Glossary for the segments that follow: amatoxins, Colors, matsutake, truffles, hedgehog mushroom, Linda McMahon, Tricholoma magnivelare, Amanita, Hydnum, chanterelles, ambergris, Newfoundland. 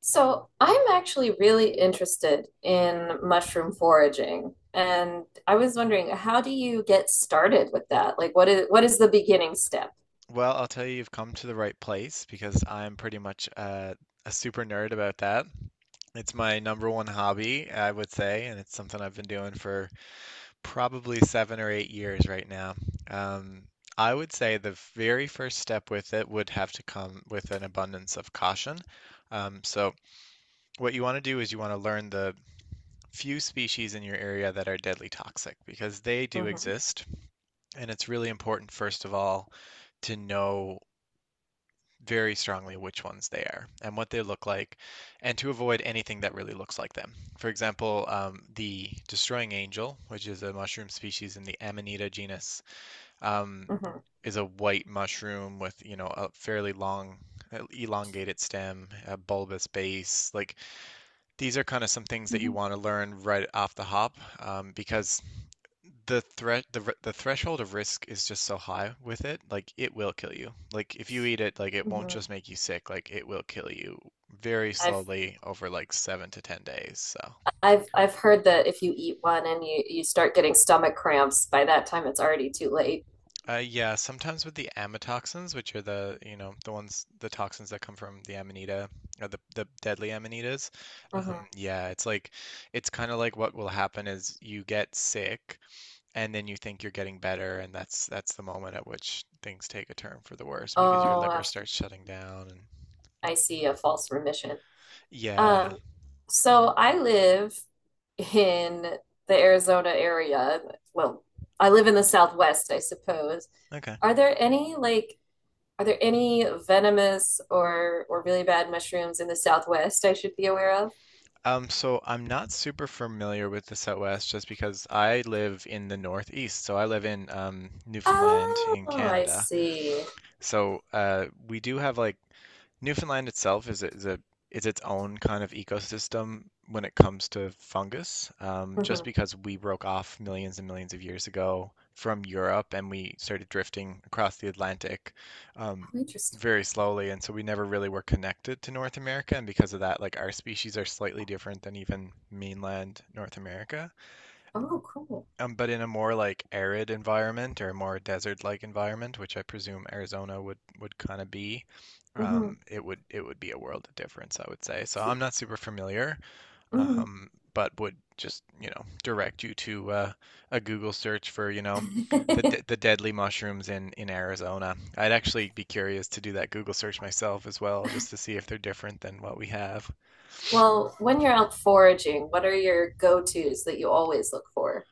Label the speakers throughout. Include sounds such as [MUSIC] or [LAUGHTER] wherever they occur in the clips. Speaker 1: So I'm actually really interested in mushroom foraging, and I was wondering, how do you get started with that? Like, what is the beginning step?
Speaker 2: Well, I'll tell you, you've come to the right place because I'm pretty much a super nerd about that. It's my number one hobby, I would say, and it's something I've been doing for probably 7 or 8 years right now. Um, I would say the very first step with it would have to come with an abundance of caution. So, what you want to do is you want to learn the few species in your area that are deadly toxic because they do
Speaker 1: Mm-hmm.
Speaker 2: exist. And it's really important, first of all, to know very strongly which ones they are and what they look like, and to avoid anything that really looks like them. For example, the destroying angel, which is a mushroom species in the Amanita genus, um,
Speaker 1: Mm-hmm.
Speaker 2: is a white mushroom with, you know, a fairly long, elongated stem, a bulbous base. Like these are kind of some things that you
Speaker 1: Mm-hmm.
Speaker 2: want to learn right off the hop, because the threat the r- the threshold of risk is just so high with it. Like it will kill you, like if you eat it, like it won't
Speaker 1: Mm-hmm.
Speaker 2: just make you sick, like it will kill you very
Speaker 1: I've
Speaker 2: slowly over like 7 to 10 days. So
Speaker 1: I've heard that if you eat one and you start getting stomach cramps, by that time it's already too late.
Speaker 2: yeah, sometimes with the amatoxins, which are the, you know, the ones, the toxins that come from the amanita, or the deadly amanitas.
Speaker 1: Hmm.
Speaker 2: Yeah, it's like, it's kind of like what will happen is you get sick, and then you think you're getting better, and that's the moment at which things take a turn for the worse because your
Speaker 1: Oh,
Speaker 2: liver
Speaker 1: I've,
Speaker 2: starts shutting down. And
Speaker 1: I see, a false remission.
Speaker 2: yeah,
Speaker 1: Um, so I live in the Arizona area. Well, I live in the Southwest, I suppose.
Speaker 2: okay.
Speaker 1: Are there any like Are there any venomous or really bad mushrooms in the Southwest I should be aware of?
Speaker 2: So I'm not super familiar with the Southwest just because I live in the Northeast, so I live in Newfoundland
Speaker 1: Oh,
Speaker 2: in
Speaker 1: I
Speaker 2: Canada.
Speaker 1: see.
Speaker 2: So we do have like, Newfoundland itself is its own kind of ecosystem when it comes to fungus, just
Speaker 1: Mhm.
Speaker 2: because we broke off millions and millions of years ago from Europe and we started drifting across the Atlantic, um,
Speaker 1: Oh, interesting.
Speaker 2: very slowly, and so we never really were connected to North America, and because of that, like our species are slightly different than even mainland North America.
Speaker 1: Oh, cool.
Speaker 2: But in a more like arid environment or more desert-like environment, which I presume Arizona would kind of be,
Speaker 1: Hmm.
Speaker 2: it would be a world of difference, I would say. So I'm not super familiar,
Speaker 1: Hmm.
Speaker 2: but would just, you know, direct you to a Google search for, you know, the de-
Speaker 1: [LAUGHS]
Speaker 2: the deadly mushrooms in Arizona. I'd actually be curious to do that Google search myself as well, just to see if they're different than what we have.
Speaker 1: Well, when you're out foraging, what are your go-tos that you always look for?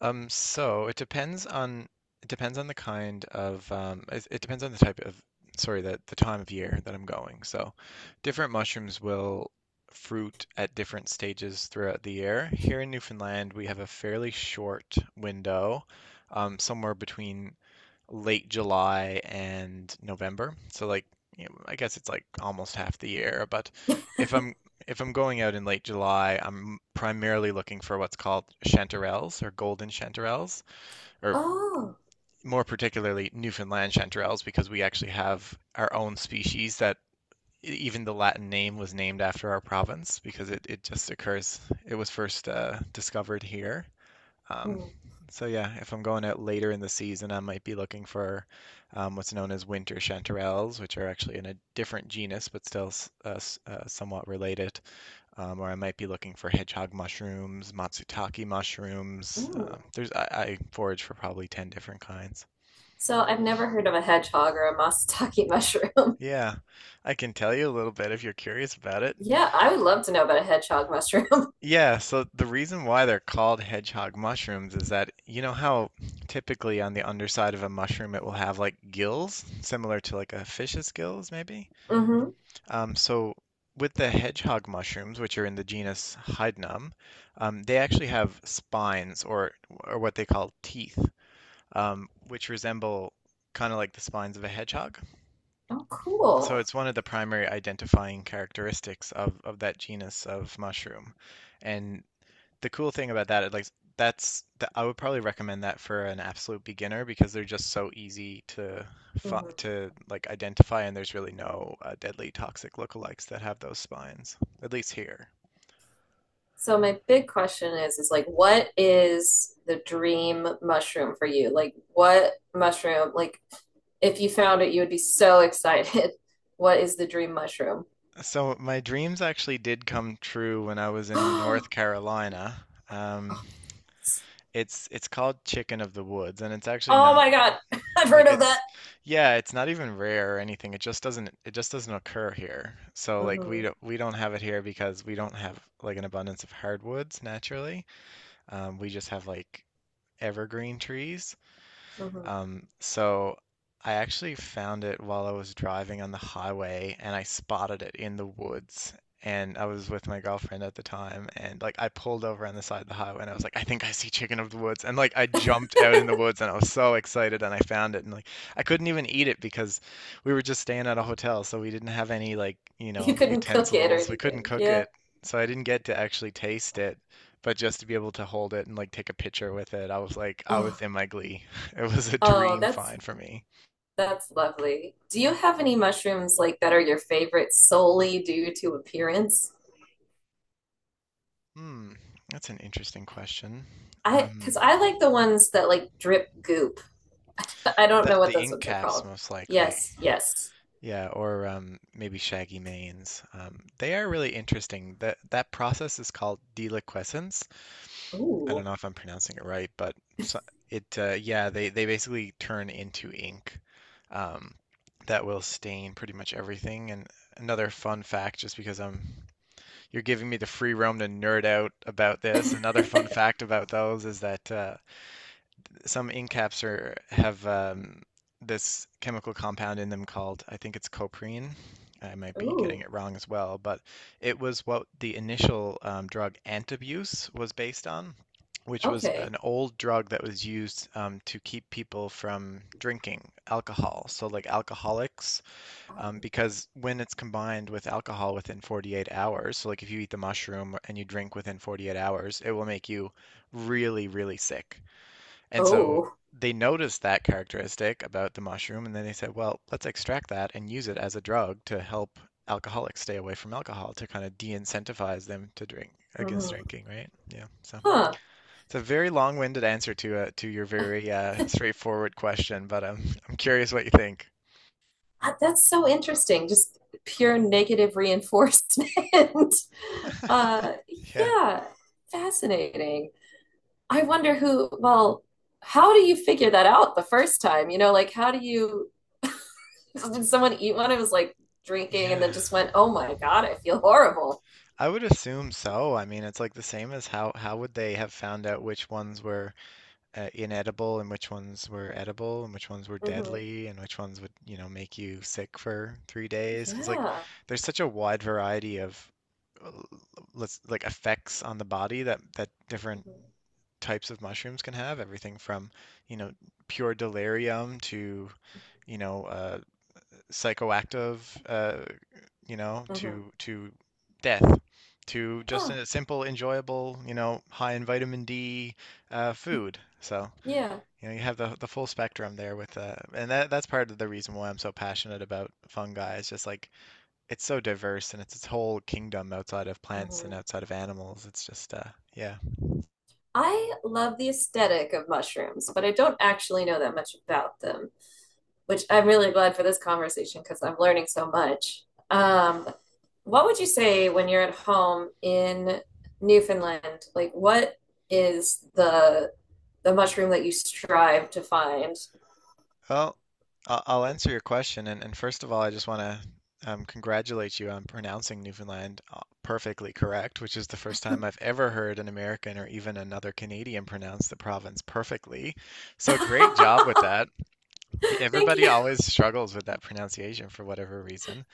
Speaker 2: Um, so it depends on it depends on the kind of, it, it depends on the type of, sorry, that the time of year that I'm going. So different mushrooms will fruit at different stages throughout the year. Here in Newfoundland, we have a fairly short window, somewhere between late July and November. So like, you know, I guess it's like almost half the year, but if I'm if I'm going out in late July, I'm primarily looking for what's called chanterelles, or golden chanterelles, or
Speaker 1: Oh,
Speaker 2: more particularly Newfoundland chanterelles, because we actually have our own species that, even the Latin name was named after our province because it just occurs, it was first discovered here. Um,
Speaker 1: mm,
Speaker 2: so yeah, if I'm going out later in the season, I might be looking for, what's known as winter chanterelles, which are actually in a different genus but still, uh, somewhat related. Or I might be looking for hedgehog mushrooms, matsutake mushrooms.
Speaker 1: ooh.
Speaker 2: I forage for probably 10 different kinds.
Speaker 1: So I've never heard of a hedgehog or a matsutake mushroom. [LAUGHS]
Speaker 2: Yeah, I can tell you a little bit if you're curious about it.
Speaker 1: Yeah, I would love to know about a hedgehog mushroom. [LAUGHS]
Speaker 2: Yeah, so the reason why they're called hedgehog mushrooms is that, you know how typically on the underside of a mushroom it will have like gills, similar to like a fish's gills, maybe?
Speaker 1: Hmm.
Speaker 2: So with the hedgehog mushrooms, which are in the genus Hydnum, they actually have spines, or what they call teeth, which resemble kind of like the spines of a hedgehog.
Speaker 1: Oh,
Speaker 2: So
Speaker 1: cool.
Speaker 2: it's one of the primary identifying characteristics of that genus of mushroom. And the cool thing about that, like, I would probably recommend that for an absolute beginner because they're just so easy to,
Speaker 1: Hmm.
Speaker 2: to like identify, and there's really no deadly toxic lookalikes that have those spines, at least here.
Speaker 1: So my big question is like, what is the dream mushroom for you? Like what mushroom, like if you found it, you would be so [LAUGHS] excited. What is the dream mushroom? [GASPS]
Speaker 2: So my dreams actually did come true when I was in North
Speaker 1: Oh,
Speaker 2: Carolina. It's called chicken of the woods, and it's actually
Speaker 1: oh
Speaker 2: not,
Speaker 1: my God. [LAUGHS] I've heard
Speaker 2: like
Speaker 1: of that.
Speaker 2: it's, yeah, it's not even rare or anything. It just doesn't occur here. So like we
Speaker 1: Hmm.
Speaker 2: don't we don't have it here because we don't have like an abundance of hardwoods naturally. We just have like evergreen trees.
Speaker 1: Hmm.
Speaker 2: So I actually found it while I was driving on the highway, and I spotted it in the woods. And I was with my girlfriend at the time, and like I pulled over on the side of the highway, and I was like, I think I see chicken of the woods. And like I jumped out in the woods and I was so excited and I found it, and like I couldn't even eat it because we were just staying at a hotel, so we didn't have any, like, you
Speaker 1: You
Speaker 2: know,
Speaker 1: couldn't cook it or
Speaker 2: utensils. We couldn't
Speaker 1: anything.
Speaker 2: cook
Speaker 1: Yeah.
Speaker 2: it. So I didn't get to actually taste it, but just to be able to hold it and like take a picture with it, I was like, I was
Speaker 1: Oh,
Speaker 2: in my glee. It was a
Speaker 1: oh,
Speaker 2: dream
Speaker 1: that's
Speaker 2: find for me.
Speaker 1: that's lovely. Do you have any mushrooms like that are your favorite solely due to appearance?
Speaker 2: Hmm, that's an interesting question.
Speaker 1: I,
Speaker 2: Um,
Speaker 1: because I like the ones that like drip goop. I don't
Speaker 2: that,
Speaker 1: know what
Speaker 2: the
Speaker 1: those
Speaker 2: ink
Speaker 1: ones are
Speaker 2: caps,
Speaker 1: called.
Speaker 2: most likely.
Speaker 1: Yes, yes.
Speaker 2: Yeah, or maybe shaggy manes. They are really interesting. That process is called deliquescence. I don't
Speaker 1: Ooh,
Speaker 2: know if I'm pronouncing it right, but, so- it, yeah, they basically turn into ink. Um, that will stain pretty much everything. And another fun fact, just because I'm, you're giving me the free roam to nerd out about this. Another fun fact about those is that, some ink caps are, have, this chemical compound in them called, I think it's coprine. I might be getting
Speaker 1: ooh.
Speaker 2: it wrong as well, but it was what the initial, drug antabuse was based on, which was
Speaker 1: Okay.
Speaker 2: an old drug that was used, to keep people from drinking alcohol. So, like, alcoholics, because when it's combined with alcohol within 48 hours, so like if you eat the mushroom and you drink within 48 hours, it will make you really, really sick. And so
Speaker 1: Oh.
Speaker 2: they noticed that characteristic about the mushroom, and then they said, well, let's extract that and use it as a drug to help alcoholics stay away from alcohol, to kind of de-incentivize them to drink, against
Speaker 1: Mhm.
Speaker 2: drinking, right? Yeah. So
Speaker 1: Huh.
Speaker 2: it's a very long-winded answer to your very straightforward question, but [LAUGHS] I'm curious what you think.
Speaker 1: Ah, that's so interesting. Just pure negative reinforcement. [LAUGHS] Uh,
Speaker 2: [LAUGHS] Yeah.
Speaker 1: yeah, fascinating. I wonder who, well, how do you figure that out the first time? You know, like how do you, [LAUGHS] did someone eat one? It was like drinking and then
Speaker 2: Yeah.
Speaker 1: just went, oh my God, I feel horrible.
Speaker 2: I would assume so. I mean, it's like the same as, how would they have found out which ones were, inedible, and which ones were edible, and which ones were
Speaker 1: Mm-hmm.
Speaker 2: deadly, and which ones would, you know, make you sick for 3 days? Because like
Speaker 1: Yeah.
Speaker 2: there's such a wide variety of, uh, let's, like, effects on the body that different
Speaker 1: Mm-hmm.
Speaker 2: types of mushrooms can have. Everything from, you know, pure delirium, to, you know, psychoactive, uh, you know,
Speaker 1: Mm-hmm.
Speaker 2: to death, to just
Speaker 1: Huh.
Speaker 2: a simple, enjoyable, you know, high in vitamin D, food. So,
Speaker 1: Yeah.
Speaker 2: you know, you have the full spectrum there with, and that's part of the reason why I'm so passionate about fungi. It's just like, it's so diverse and it's its whole kingdom outside of plants and
Speaker 1: Mm-hmm.
Speaker 2: outside of animals. It's just, yeah.
Speaker 1: I love the aesthetic of mushrooms, but I don't actually know that much about them, which I'm really glad for this conversation because I'm learning so much. Um, what would you say when you're at home in Newfoundland? Like, what is the mushroom that you strive to find?
Speaker 2: Well, I'll answer your question. And first of all, I just want to, congratulate you on pronouncing Newfoundland, perfectly correct, which is the first time I've ever heard an American or even another Canadian pronounce the province perfectly. So great job with
Speaker 1: [LAUGHS]
Speaker 2: that.
Speaker 1: Thank
Speaker 2: Everybody
Speaker 1: you.
Speaker 2: always struggles with that pronunciation for whatever reason,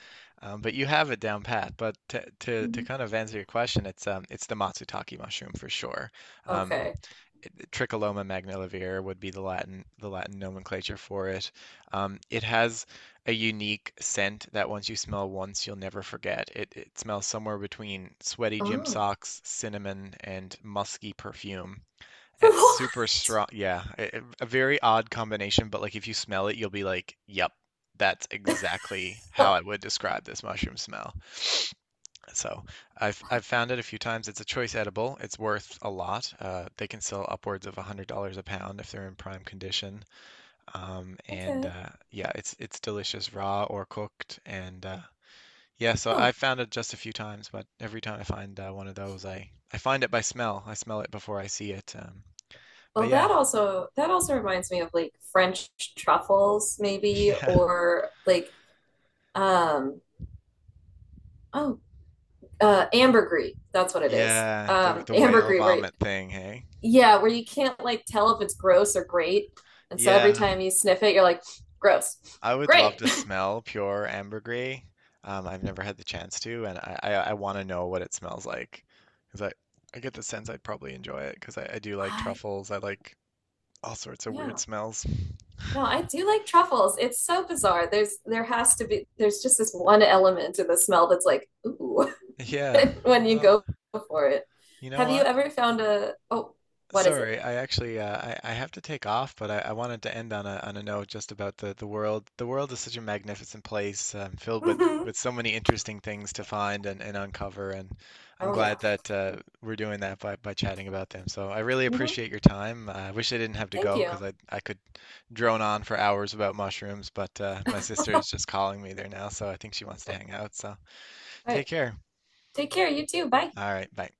Speaker 2: but you have it down pat. But to
Speaker 1: Mhm.
Speaker 2: kind of answer your question, it's, the matsutake mushroom for sure. Um,
Speaker 1: Okay.
Speaker 2: Tricholoma magnivelare would be the Latin, nomenclature for it. It has a unique scent that once you smell once, you'll never forget. It smells somewhere between sweaty gym
Speaker 1: Oh.
Speaker 2: socks, cinnamon, and musky perfume.
Speaker 1: [LAUGHS] For—
Speaker 2: And it's super strong. Yeah, it, a very odd combination, but like if you smell it, you'll be like, "Yep, that's exactly how I
Speaker 1: What?
Speaker 2: would describe this mushroom smell." So I've found it a few times. It's a choice edible. It's worth a lot. They can sell upwards of $100 a pound if they're in prime condition. And
Speaker 1: Okay.
Speaker 2: yeah, it's delicious raw or cooked. And yeah, so
Speaker 1: Huh.
Speaker 2: I found it just a few times, but every time I find, one of those, I find it by smell. I smell it before I see it. But
Speaker 1: Well,
Speaker 2: yeah,
Speaker 1: that also reminds me of like French truffles,
Speaker 2: [LAUGHS]
Speaker 1: maybe,
Speaker 2: yeah,
Speaker 1: or like um oh, ambergris. That's what it is.
Speaker 2: yeah. The
Speaker 1: Um,
Speaker 2: the whale
Speaker 1: ambergris, where—
Speaker 2: vomit thing, hey?
Speaker 1: yeah, where you can't like tell if it's gross or great. And so every
Speaker 2: Yeah.
Speaker 1: time you sniff it, you're like, gross.
Speaker 2: I would love
Speaker 1: Great.
Speaker 2: to smell pure ambergris. I've never had the chance to, and I want to know what it smells like, because I get the sense I'd probably enjoy it, because I do like
Speaker 1: [LAUGHS] I—
Speaker 2: truffles. I like all sorts of weird
Speaker 1: yeah.
Speaker 2: smells.
Speaker 1: No, I do like truffles. It's so bizarre. There's there has to be there's just this one element in the smell that's like, ooh,
Speaker 2: Yeah.
Speaker 1: [LAUGHS] when you
Speaker 2: Well,
Speaker 1: go for it.
Speaker 2: you know
Speaker 1: Have you
Speaker 2: what?
Speaker 1: ever found a— oh, what is it?
Speaker 2: Sorry, I actually, I have to take off, but I wanted to end on a note just about the world. The world is such a magnificent place, filled with
Speaker 1: [LAUGHS]
Speaker 2: so many interesting things to find and uncover, and I'm
Speaker 1: Oh yeah.
Speaker 2: glad that, we're doing that by chatting about them. So I really
Speaker 1: Hmm.
Speaker 2: appreciate your time. I wish I didn't have to
Speaker 1: Thank
Speaker 2: go
Speaker 1: you.
Speaker 2: because I could drone on for hours about mushrooms, but my sister is just calling me there now, so I think she wants to
Speaker 1: Okay.
Speaker 2: hang out. So
Speaker 1: All right.
Speaker 2: take care.
Speaker 1: Take care, you too. Bye.
Speaker 2: All right, bye.